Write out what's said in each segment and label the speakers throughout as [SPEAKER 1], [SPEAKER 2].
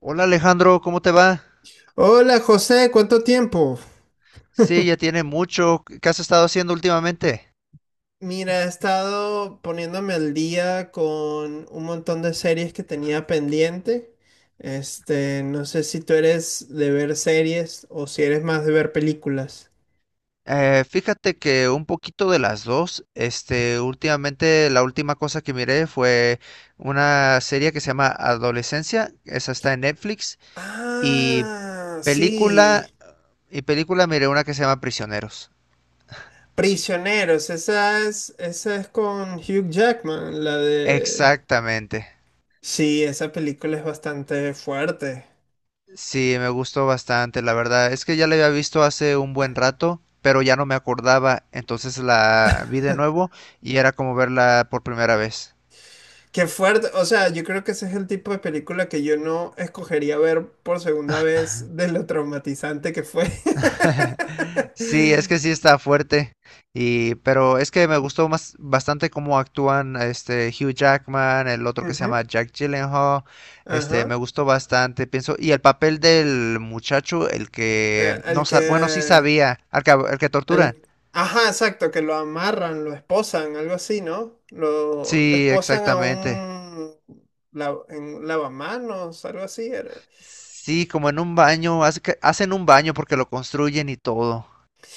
[SPEAKER 1] Hola Alejandro, ¿cómo te va?
[SPEAKER 2] Hola José, ¿cuánto tiempo?
[SPEAKER 1] Sí, ya tiene mucho. ¿Qué has estado haciendo últimamente?
[SPEAKER 2] Mira, he estado poniéndome al día con un montón de series que tenía pendiente. No sé si tú eres de ver series o si eres más de ver películas.
[SPEAKER 1] Fíjate que un poquito de las dos. Últimamente la última cosa que miré fue una serie que se llama Adolescencia. Esa está en Netflix. Y
[SPEAKER 2] Ah, sí.
[SPEAKER 1] película, y película miré una que se llama Prisioneros.
[SPEAKER 2] Prisioneros, esa es con Hugh Jackman, la de...
[SPEAKER 1] Exactamente.
[SPEAKER 2] Sí, esa película es bastante fuerte.
[SPEAKER 1] Sí, me gustó bastante, la verdad. Es que ya la había visto hace un buen rato, pero ya no me acordaba. Entonces la vi de nuevo y era como verla por primera vez.
[SPEAKER 2] Qué fuerte, o sea, yo creo que ese es el tipo de película que yo no escogería ver por segunda vez de lo traumatizante que fue.
[SPEAKER 1] Sí, es que sí está fuerte. Pero es que me gustó más bastante cómo actúan este Hugh Jackman, el otro que se
[SPEAKER 2] Ujú.
[SPEAKER 1] llama Jack Gyllenhaal.
[SPEAKER 2] Ajá.
[SPEAKER 1] Me gustó bastante, pienso. Y el papel del muchacho, el
[SPEAKER 2] Eh,
[SPEAKER 1] que no
[SPEAKER 2] el
[SPEAKER 1] sabe, bueno, sí
[SPEAKER 2] que,
[SPEAKER 1] sabía, al que torturan.
[SPEAKER 2] ajá, exacto, que lo amarran, lo esposan, algo así, ¿no? Lo
[SPEAKER 1] Sí,
[SPEAKER 2] esposan
[SPEAKER 1] exactamente.
[SPEAKER 2] en un lavamanos, algo así era.
[SPEAKER 1] Sí, como en un baño, hacen un baño porque lo construyen y todo.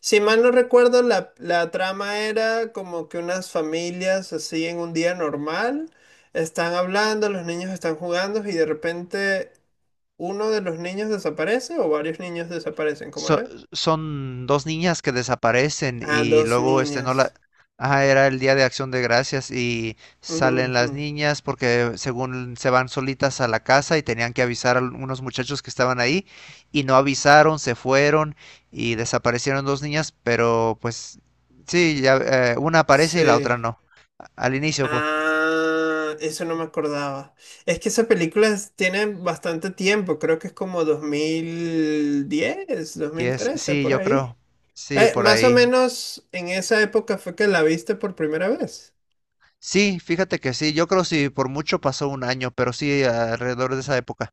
[SPEAKER 2] Si mal no recuerdo, la trama era como que unas familias así en un día normal están hablando, los niños están jugando y de repente uno de los niños desaparece o varios niños desaparecen, ¿cómo
[SPEAKER 1] So-
[SPEAKER 2] era?
[SPEAKER 1] Son dos niñas que desaparecen
[SPEAKER 2] Ah,
[SPEAKER 1] y
[SPEAKER 2] dos
[SPEAKER 1] luego este no la...
[SPEAKER 2] niñas.
[SPEAKER 1] Ah, era el Día de Acción de Gracias y
[SPEAKER 2] Ujú,
[SPEAKER 1] salen
[SPEAKER 2] ujú.
[SPEAKER 1] las niñas porque según se van solitas a la casa y tenían que avisar a unos muchachos que estaban ahí y no avisaron, se fueron y desaparecieron dos niñas, pero pues sí, ya, una aparece y la
[SPEAKER 2] Sí.
[SPEAKER 1] otra no. Al inicio, pues.
[SPEAKER 2] Ah, eso no me acordaba. Es que esa película tiene bastante tiempo, creo que es como 2010 dos mil
[SPEAKER 1] Yes,
[SPEAKER 2] trece
[SPEAKER 1] sí,
[SPEAKER 2] por
[SPEAKER 1] yo
[SPEAKER 2] ahí.
[SPEAKER 1] creo. Sí, por
[SPEAKER 2] Más o
[SPEAKER 1] ahí.
[SPEAKER 2] menos en esa época fue que la viste por primera vez.
[SPEAKER 1] Sí, fíjate que sí, yo creo sí, por mucho pasó un año, pero sí, alrededor de esa época,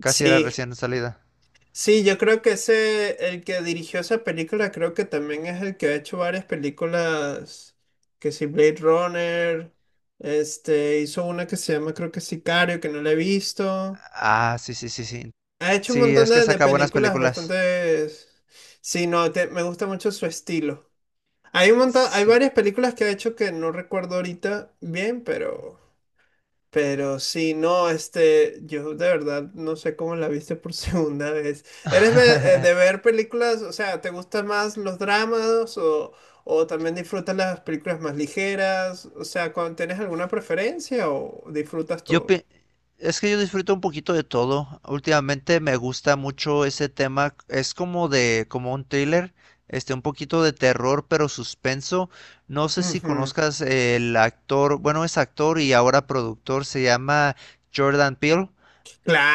[SPEAKER 1] casi era
[SPEAKER 2] Sí,
[SPEAKER 1] recién salida.
[SPEAKER 2] sí, yo creo que ese, el que dirigió esa película, creo que también es el que ha hecho varias películas, que si Blade Runner, hizo una que se llama, creo que Sicario, que no la he visto.
[SPEAKER 1] Ah, sí, sí, sí, sí.
[SPEAKER 2] Ha hecho un
[SPEAKER 1] Sí,
[SPEAKER 2] montón
[SPEAKER 1] es que
[SPEAKER 2] de
[SPEAKER 1] saca buenas
[SPEAKER 2] películas
[SPEAKER 1] películas.
[SPEAKER 2] bastante... Sí, no, me gusta mucho su estilo. Hay un montón, hay
[SPEAKER 1] Sí.
[SPEAKER 2] varias películas que ha hecho que no recuerdo ahorita bien, pero... Pero sí, no, yo de verdad no sé cómo la viste por segunda vez. ¿Eres de ver películas, o sea, te gustan más los dramas o también disfrutas las películas más ligeras? O sea, ¿tienes alguna preferencia o disfrutas
[SPEAKER 1] Yo
[SPEAKER 2] todo?
[SPEAKER 1] pi- es que yo disfruto un poquito de todo. Últimamente me gusta mucho ese tema. Es como de, como un thriller, un poquito de terror, pero suspenso. No sé si
[SPEAKER 2] Ujú.
[SPEAKER 1] conozcas el actor, bueno, es actor y ahora productor, se llama Jordan Peele.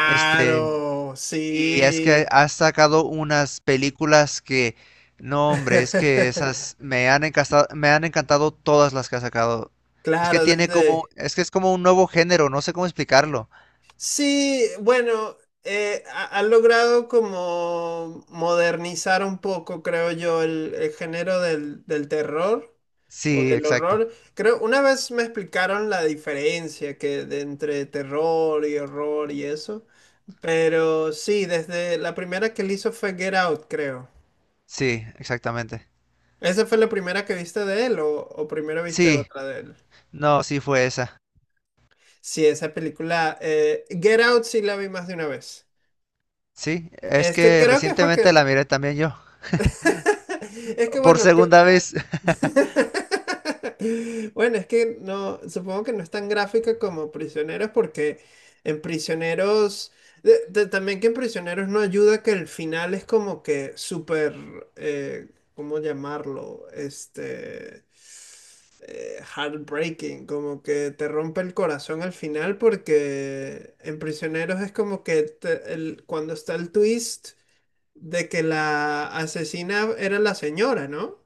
[SPEAKER 1] Este, Y es que
[SPEAKER 2] sí.
[SPEAKER 1] has sacado unas películas que, no hombre, es que esas me han encantado todas las que has sacado. Es que
[SPEAKER 2] Claro,
[SPEAKER 1] tiene como,
[SPEAKER 2] desde...
[SPEAKER 1] es que es como un nuevo género, no sé cómo explicarlo.
[SPEAKER 2] Sí, bueno, han logrado como modernizar un poco, creo yo, el género del terror o
[SPEAKER 1] Sí,
[SPEAKER 2] del
[SPEAKER 1] exacto.
[SPEAKER 2] horror. Creo, una vez me explicaron la diferencia que de entre terror y horror y eso, pero sí, desde la primera que él hizo fue Get Out, creo.
[SPEAKER 1] Sí, exactamente.
[SPEAKER 2] ¿Esa fue la primera que viste de él o primero viste
[SPEAKER 1] Sí,
[SPEAKER 2] otra de él?
[SPEAKER 1] no, sí fue esa.
[SPEAKER 2] Sí, esa película, Get Out sí la vi más de una vez.
[SPEAKER 1] Sí, es que
[SPEAKER 2] Creo que es porque
[SPEAKER 1] recientemente la miré también yo.
[SPEAKER 2] es que
[SPEAKER 1] Por
[SPEAKER 2] bueno,
[SPEAKER 1] segunda vez.
[SPEAKER 2] bueno, es que no, supongo que no es tan gráfica como Prisioneros porque en Prisioneros, también que en Prisioneros no ayuda que el final es como que súper, eh, ¿cómo llamarlo? Heartbreaking, como que te rompe el corazón al final porque en Prisioneros es como que cuando está el twist de que la asesina era la señora, ¿no?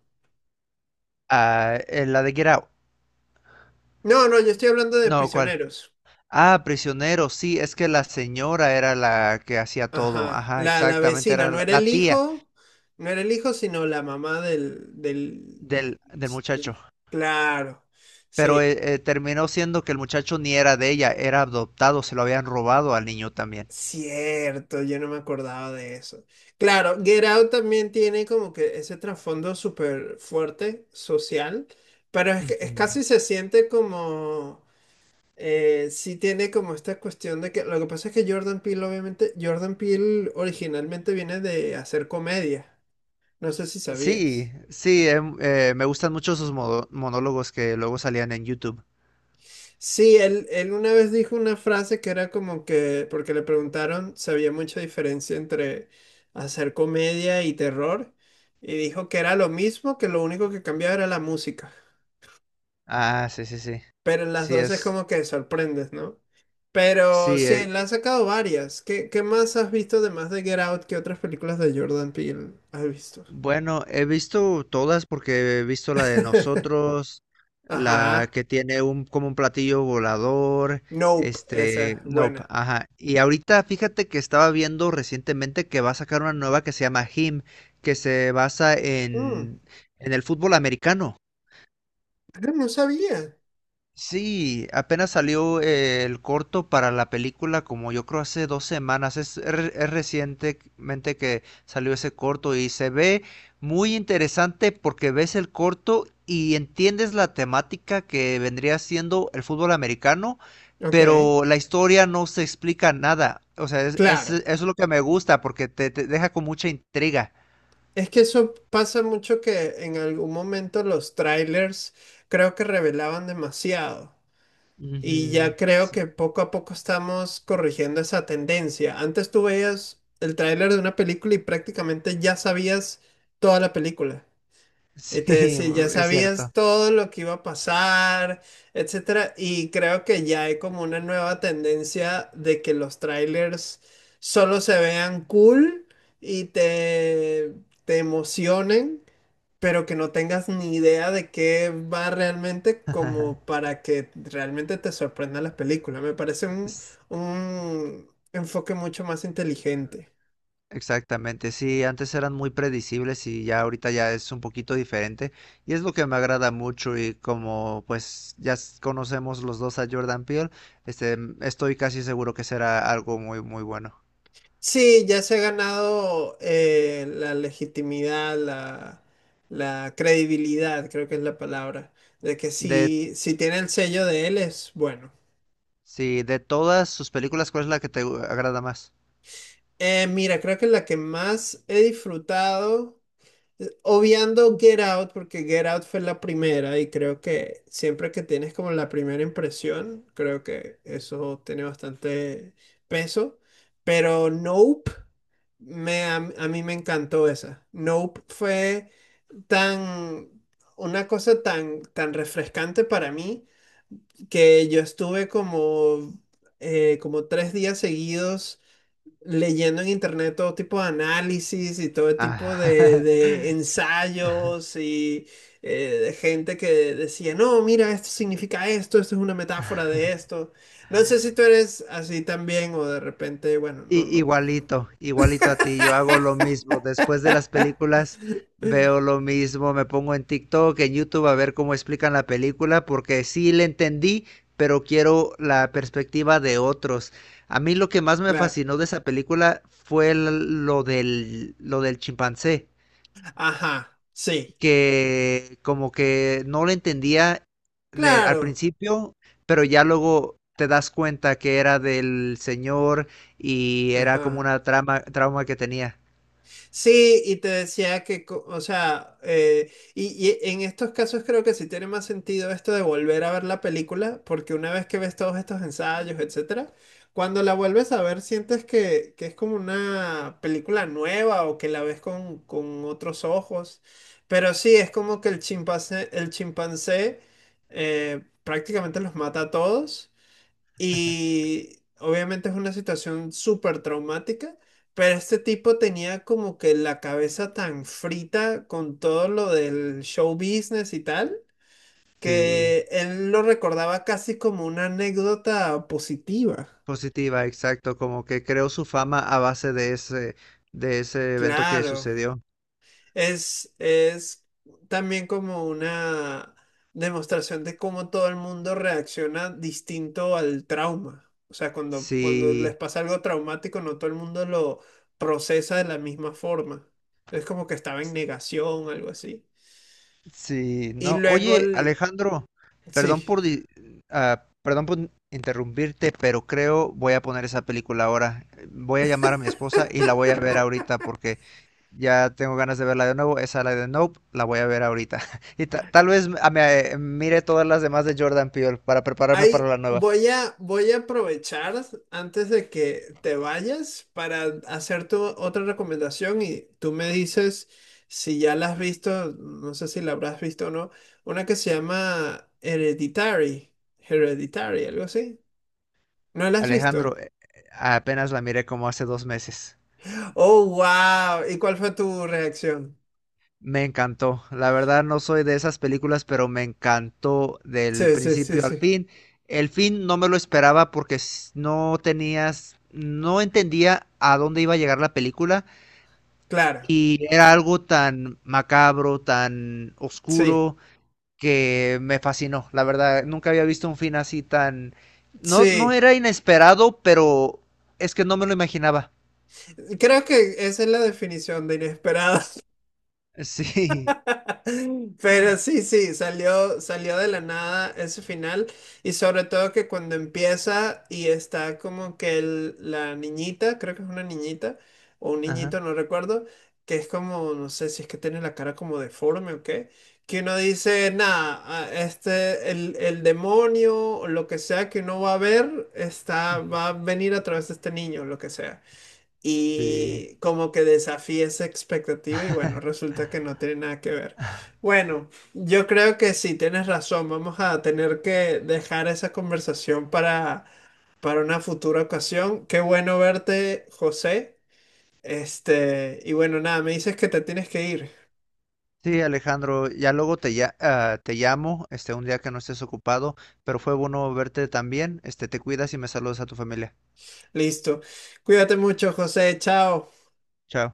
[SPEAKER 1] Ah, la de Get Out.
[SPEAKER 2] No, no, yo estoy hablando de
[SPEAKER 1] No, ¿cuál?
[SPEAKER 2] prisioneros.
[SPEAKER 1] Ah, prisionero, sí, es que la señora era la que hacía todo.
[SPEAKER 2] Ajá,
[SPEAKER 1] Ajá,
[SPEAKER 2] la
[SPEAKER 1] exactamente,
[SPEAKER 2] vecina,
[SPEAKER 1] era
[SPEAKER 2] no
[SPEAKER 1] la,
[SPEAKER 2] era
[SPEAKER 1] la
[SPEAKER 2] el
[SPEAKER 1] tía
[SPEAKER 2] hijo, no era el hijo, sino la mamá del, del,
[SPEAKER 1] del
[SPEAKER 2] del-
[SPEAKER 1] muchacho.
[SPEAKER 2] Claro,
[SPEAKER 1] Pero
[SPEAKER 2] sí,
[SPEAKER 1] terminó siendo que el muchacho ni era de ella, era adoptado, se lo habían robado al niño también.
[SPEAKER 2] cierto, yo no me acordaba de eso. Claro, Get Out también tiene como que ese trasfondo súper fuerte, social, pero es que es
[SPEAKER 1] Ujú.
[SPEAKER 2] casi se siente como... Sí tiene como esta cuestión de que lo que pasa es que Jordan Peele, obviamente, Jordan Peele originalmente viene de hacer comedia. No sé si
[SPEAKER 1] Sí,
[SPEAKER 2] sabías.
[SPEAKER 1] sí, me gustan mucho sus monólogos que luego salían en YouTube.
[SPEAKER 2] Sí, él una vez dijo una frase que era como que, porque le preguntaron si había mucha diferencia entre hacer comedia y terror, y dijo que era lo mismo, que lo único que cambiaba era la música.
[SPEAKER 1] Ah, sí, sí, sí.
[SPEAKER 2] Pero en las
[SPEAKER 1] Sí,
[SPEAKER 2] dos es como que sorprendes, ¿no? Pero
[SPEAKER 1] sí,
[SPEAKER 2] sí,
[SPEAKER 1] eh,
[SPEAKER 2] le han sacado varias. ¿Qué más has visto además de Get Out? ¿Qué otras películas de Jordan Peele has visto?
[SPEAKER 1] bueno, he visto todas porque he visto la de nosotros, la
[SPEAKER 2] Ajá.
[SPEAKER 1] que tiene un como un platillo volador,
[SPEAKER 2] Nope, esa es
[SPEAKER 1] nope,
[SPEAKER 2] buena.
[SPEAKER 1] ajá. Y ahorita fíjate que estaba viendo recientemente que va a sacar una nueva que se llama Him, que se basa
[SPEAKER 2] Mm,
[SPEAKER 1] en el fútbol americano.
[SPEAKER 2] ah, no sabía.
[SPEAKER 1] Sí, apenas salió el corto para la película como yo creo hace 2 semanas. Es recientemente que salió ese corto y se ve muy interesante porque ves el corto y entiendes la temática que vendría siendo el fútbol americano,
[SPEAKER 2] Ok,
[SPEAKER 1] pero la historia no se explica nada. O sea, eso
[SPEAKER 2] claro.
[SPEAKER 1] es lo que me gusta porque te deja con mucha intriga.
[SPEAKER 2] Es que eso pasa mucho que en algún momento los trailers creo que revelaban demasiado. Y
[SPEAKER 1] Ujú,
[SPEAKER 2] ya creo
[SPEAKER 1] sí.
[SPEAKER 2] que poco a poco estamos corrigiendo esa tendencia. Antes tú veías el tráiler de una película y prácticamente ya sabías toda la película. Este,
[SPEAKER 1] Sí,
[SPEAKER 2] sí, ya
[SPEAKER 1] es
[SPEAKER 2] sabías
[SPEAKER 1] cierto.
[SPEAKER 2] todo lo que iba a pasar, etcétera, y creo que ya hay como una nueva tendencia de que los trailers solo se vean cool y te emocionen, pero que no tengas ni idea de qué va realmente como para que realmente te sorprenda las películas. Me parece un enfoque mucho más inteligente.
[SPEAKER 1] Exactamente, sí, antes eran muy predecibles y ya ahorita ya es un poquito diferente y es lo que me agrada mucho y como pues ya conocemos los dos a Jordan Peele, estoy casi seguro que será algo muy muy bueno.
[SPEAKER 2] Sí, ya se ha ganado la legitimidad, la credibilidad, creo que es la palabra, de que
[SPEAKER 1] De,
[SPEAKER 2] si, tiene el sello de él es bueno.
[SPEAKER 1] sí, de todas sus películas, ¿cuál es la que te agrada más?
[SPEAKER 2] Mira, creo que la que más he disfrutado, obviando Get Out, porque Get Out fue la primera y creo que siempre que tienes como la primera impresión, creo que eso tiene bastante peso, pero Nope. A mí me encantó esa. Nope fue tan, una cosa tan, tan refrescante para mí que yo estuve como 3 días seguidos leyendo en internet todo tipo de análisis y todo tipo de,
[SPEAKER 1] Ah,
[SPEAKER 2] de ensayos y de gente que decía, no, mira, esto significa esto, esto es una metáfora de esto. No sé si tú eres así también o de repente, bueno, no, no.
[SPEAKER 1] Igualito, igualito a ti, yo hago lo mismo. Después de las películas veo lo mismo, me pongo en TikTok, en YouTube a ver cómo explican la película, porque sí le entendí, pero quiero la perspectiva de otros. A mí lo que más me
[SPEAKER 2] Claro.
[SPEAKER 1] fascinó de esa película fue lo del chimpancé
[SPEAKER 2] Ajá, sí.
[SPEAKER 1] que como que no lo entendía al
[SPEAKER 2] Claro.
[SPEAKER 1] principio, pero ya luego te das cuenta que era del señor y era como
[SPEAKER 2] Ajá.
[SPEAKER 1] una trauma que tenía.
[SPEAKER 2] Sí, y te decía que, o sea, y en estos casos creo que sí tiene más sentido esto de volver a ver la película, porque una vez que ves todos estos ensayos, etcétera, cuando la vuelves a ver sientes que es como una película nueva o que la ves con otros ojos. Pero sí, es como que el chimpancé prácticamente los mata a todos. Y obviamente es una situación súper traumática, pero este tipo tenía como que la cabeza tan frita con todo lo del show business y tal,
[SPEAKER 1] Sí,
[SPEAKER 2] que él lo recordaba casi como una anécdota positiva.
[SPEAKER 1] positiva, exacto, como que creó su fama a base de ese evento que
[SPEAKER 2] Claro.
[SPEAKER 1] sucedió.
[SPEAKER 2] Es también como una demostración de cómo todo el mundo reacciona distinto al trauma. O sea, cuando les
[SPEAKER 1] Sí.
[SPEAKER 2] pasa algo traumático, no todo el mundo lo procesa de la misma forma. Es como que estaba en negación, algo así.
[SPEAKER 1] Sí,
[SPEAKER 2] Y
[SPEAKER 1] no.
[SPEAKER 2] luego,
[SPEAKER 1] Oye, Alejandro, perdón
[SPEAKER 2] sí.
[SPEAKER 1] por di- perdón por interrumpirte, pero creo voy a poner esa película ahora. Voy a llamar a mi esposa y la voy a ver ahorita porque ya tengo ganas de verla de nuevo. Esa la de Nope, la voy a ver ahorita. Y tal vez me mire todas las demás de Jordan Peele para prepararme
[SPEAKER 2] Ahí
[SPEAKER 1] para la nueva.
[SPEAKER 2] voy a aprovechar antes de que te vayas para hacerte otra recomendación y tú me dices si ya la has visto, no sé si la habrás visto o no, una que se llama Hereditary, Hereditary, algo así. ¿No la has visto?
[SPEAKER 1] Alejandro, apenas la miré como hace 2 meses.
[SPEAKER 2] Oh, wow. ¿Y cuál fue tu reacción?
[SPEAKER 1] Me encantó. La verdad no soy de esas películas, pero me encantó del
[SPEAKER 2] Sí, sí, sí,
[SPEAKER 1] principio al
[SPEAKER 2] sí.
[SPEAKER 1] fin. El fin no me lo esperaba porque no tenías, no entendía a dónde iba a llegar la película
[SPEAKER 2] Claro,
[SPEAKER 1] y era algo tan macabro, tan
[SPEAKER 2] sí,
[SPEAKER 1] oscuro que me fascinó. La verdad, nunca había visto un fin así tan... No, no
[SPEAKER 2] sí.
[SPEAKER 1] era inesperado, pero es que no me lo imaginaba.
[SPEAKER 2] Creo que esa es la definición de inesperada.
[SPEAKER 1] Sí.
[SPEAKER 2] Pero sí, sí, salió de la nada ese final y sobre todo que cuando empieza y está como que la niñita, creo que es una niñita o un
[SPEAKER 1] Ajá.
[SPEAKER 2] niñito, no recuerdo, que es como, no sé si es que tiene la cara como deforme o qué, que uno dice, nada, el demonio o lo que sea que uno va a ver,
[SPEAKER 1] Ujú.
[SPEAKER 2] va a venir a través de este niño, lo que sea
[SPEAKER 1] Sí.
[SPEAKER 2] y como que desafía esa expectativa y bueno, resulta que no tiene nada que ver. Bueno, yo creo que sí, tienes razón, vamos a tener que dejar esa conversación para, una futura ocasión. Qué bueno verte, José. Y bueno, nada, me dices que te tienes que ir.
[SPEAKER 1] Sí, Alejandro, ya luego te llamo, un día que no estés ocupado, pero fue bueno verte también. Te cuidas y me saludas a tu familia.
[SPEAKER 2] Listo. Cuídate mucho, José. Chao.
[SPEAKER 1] Chao.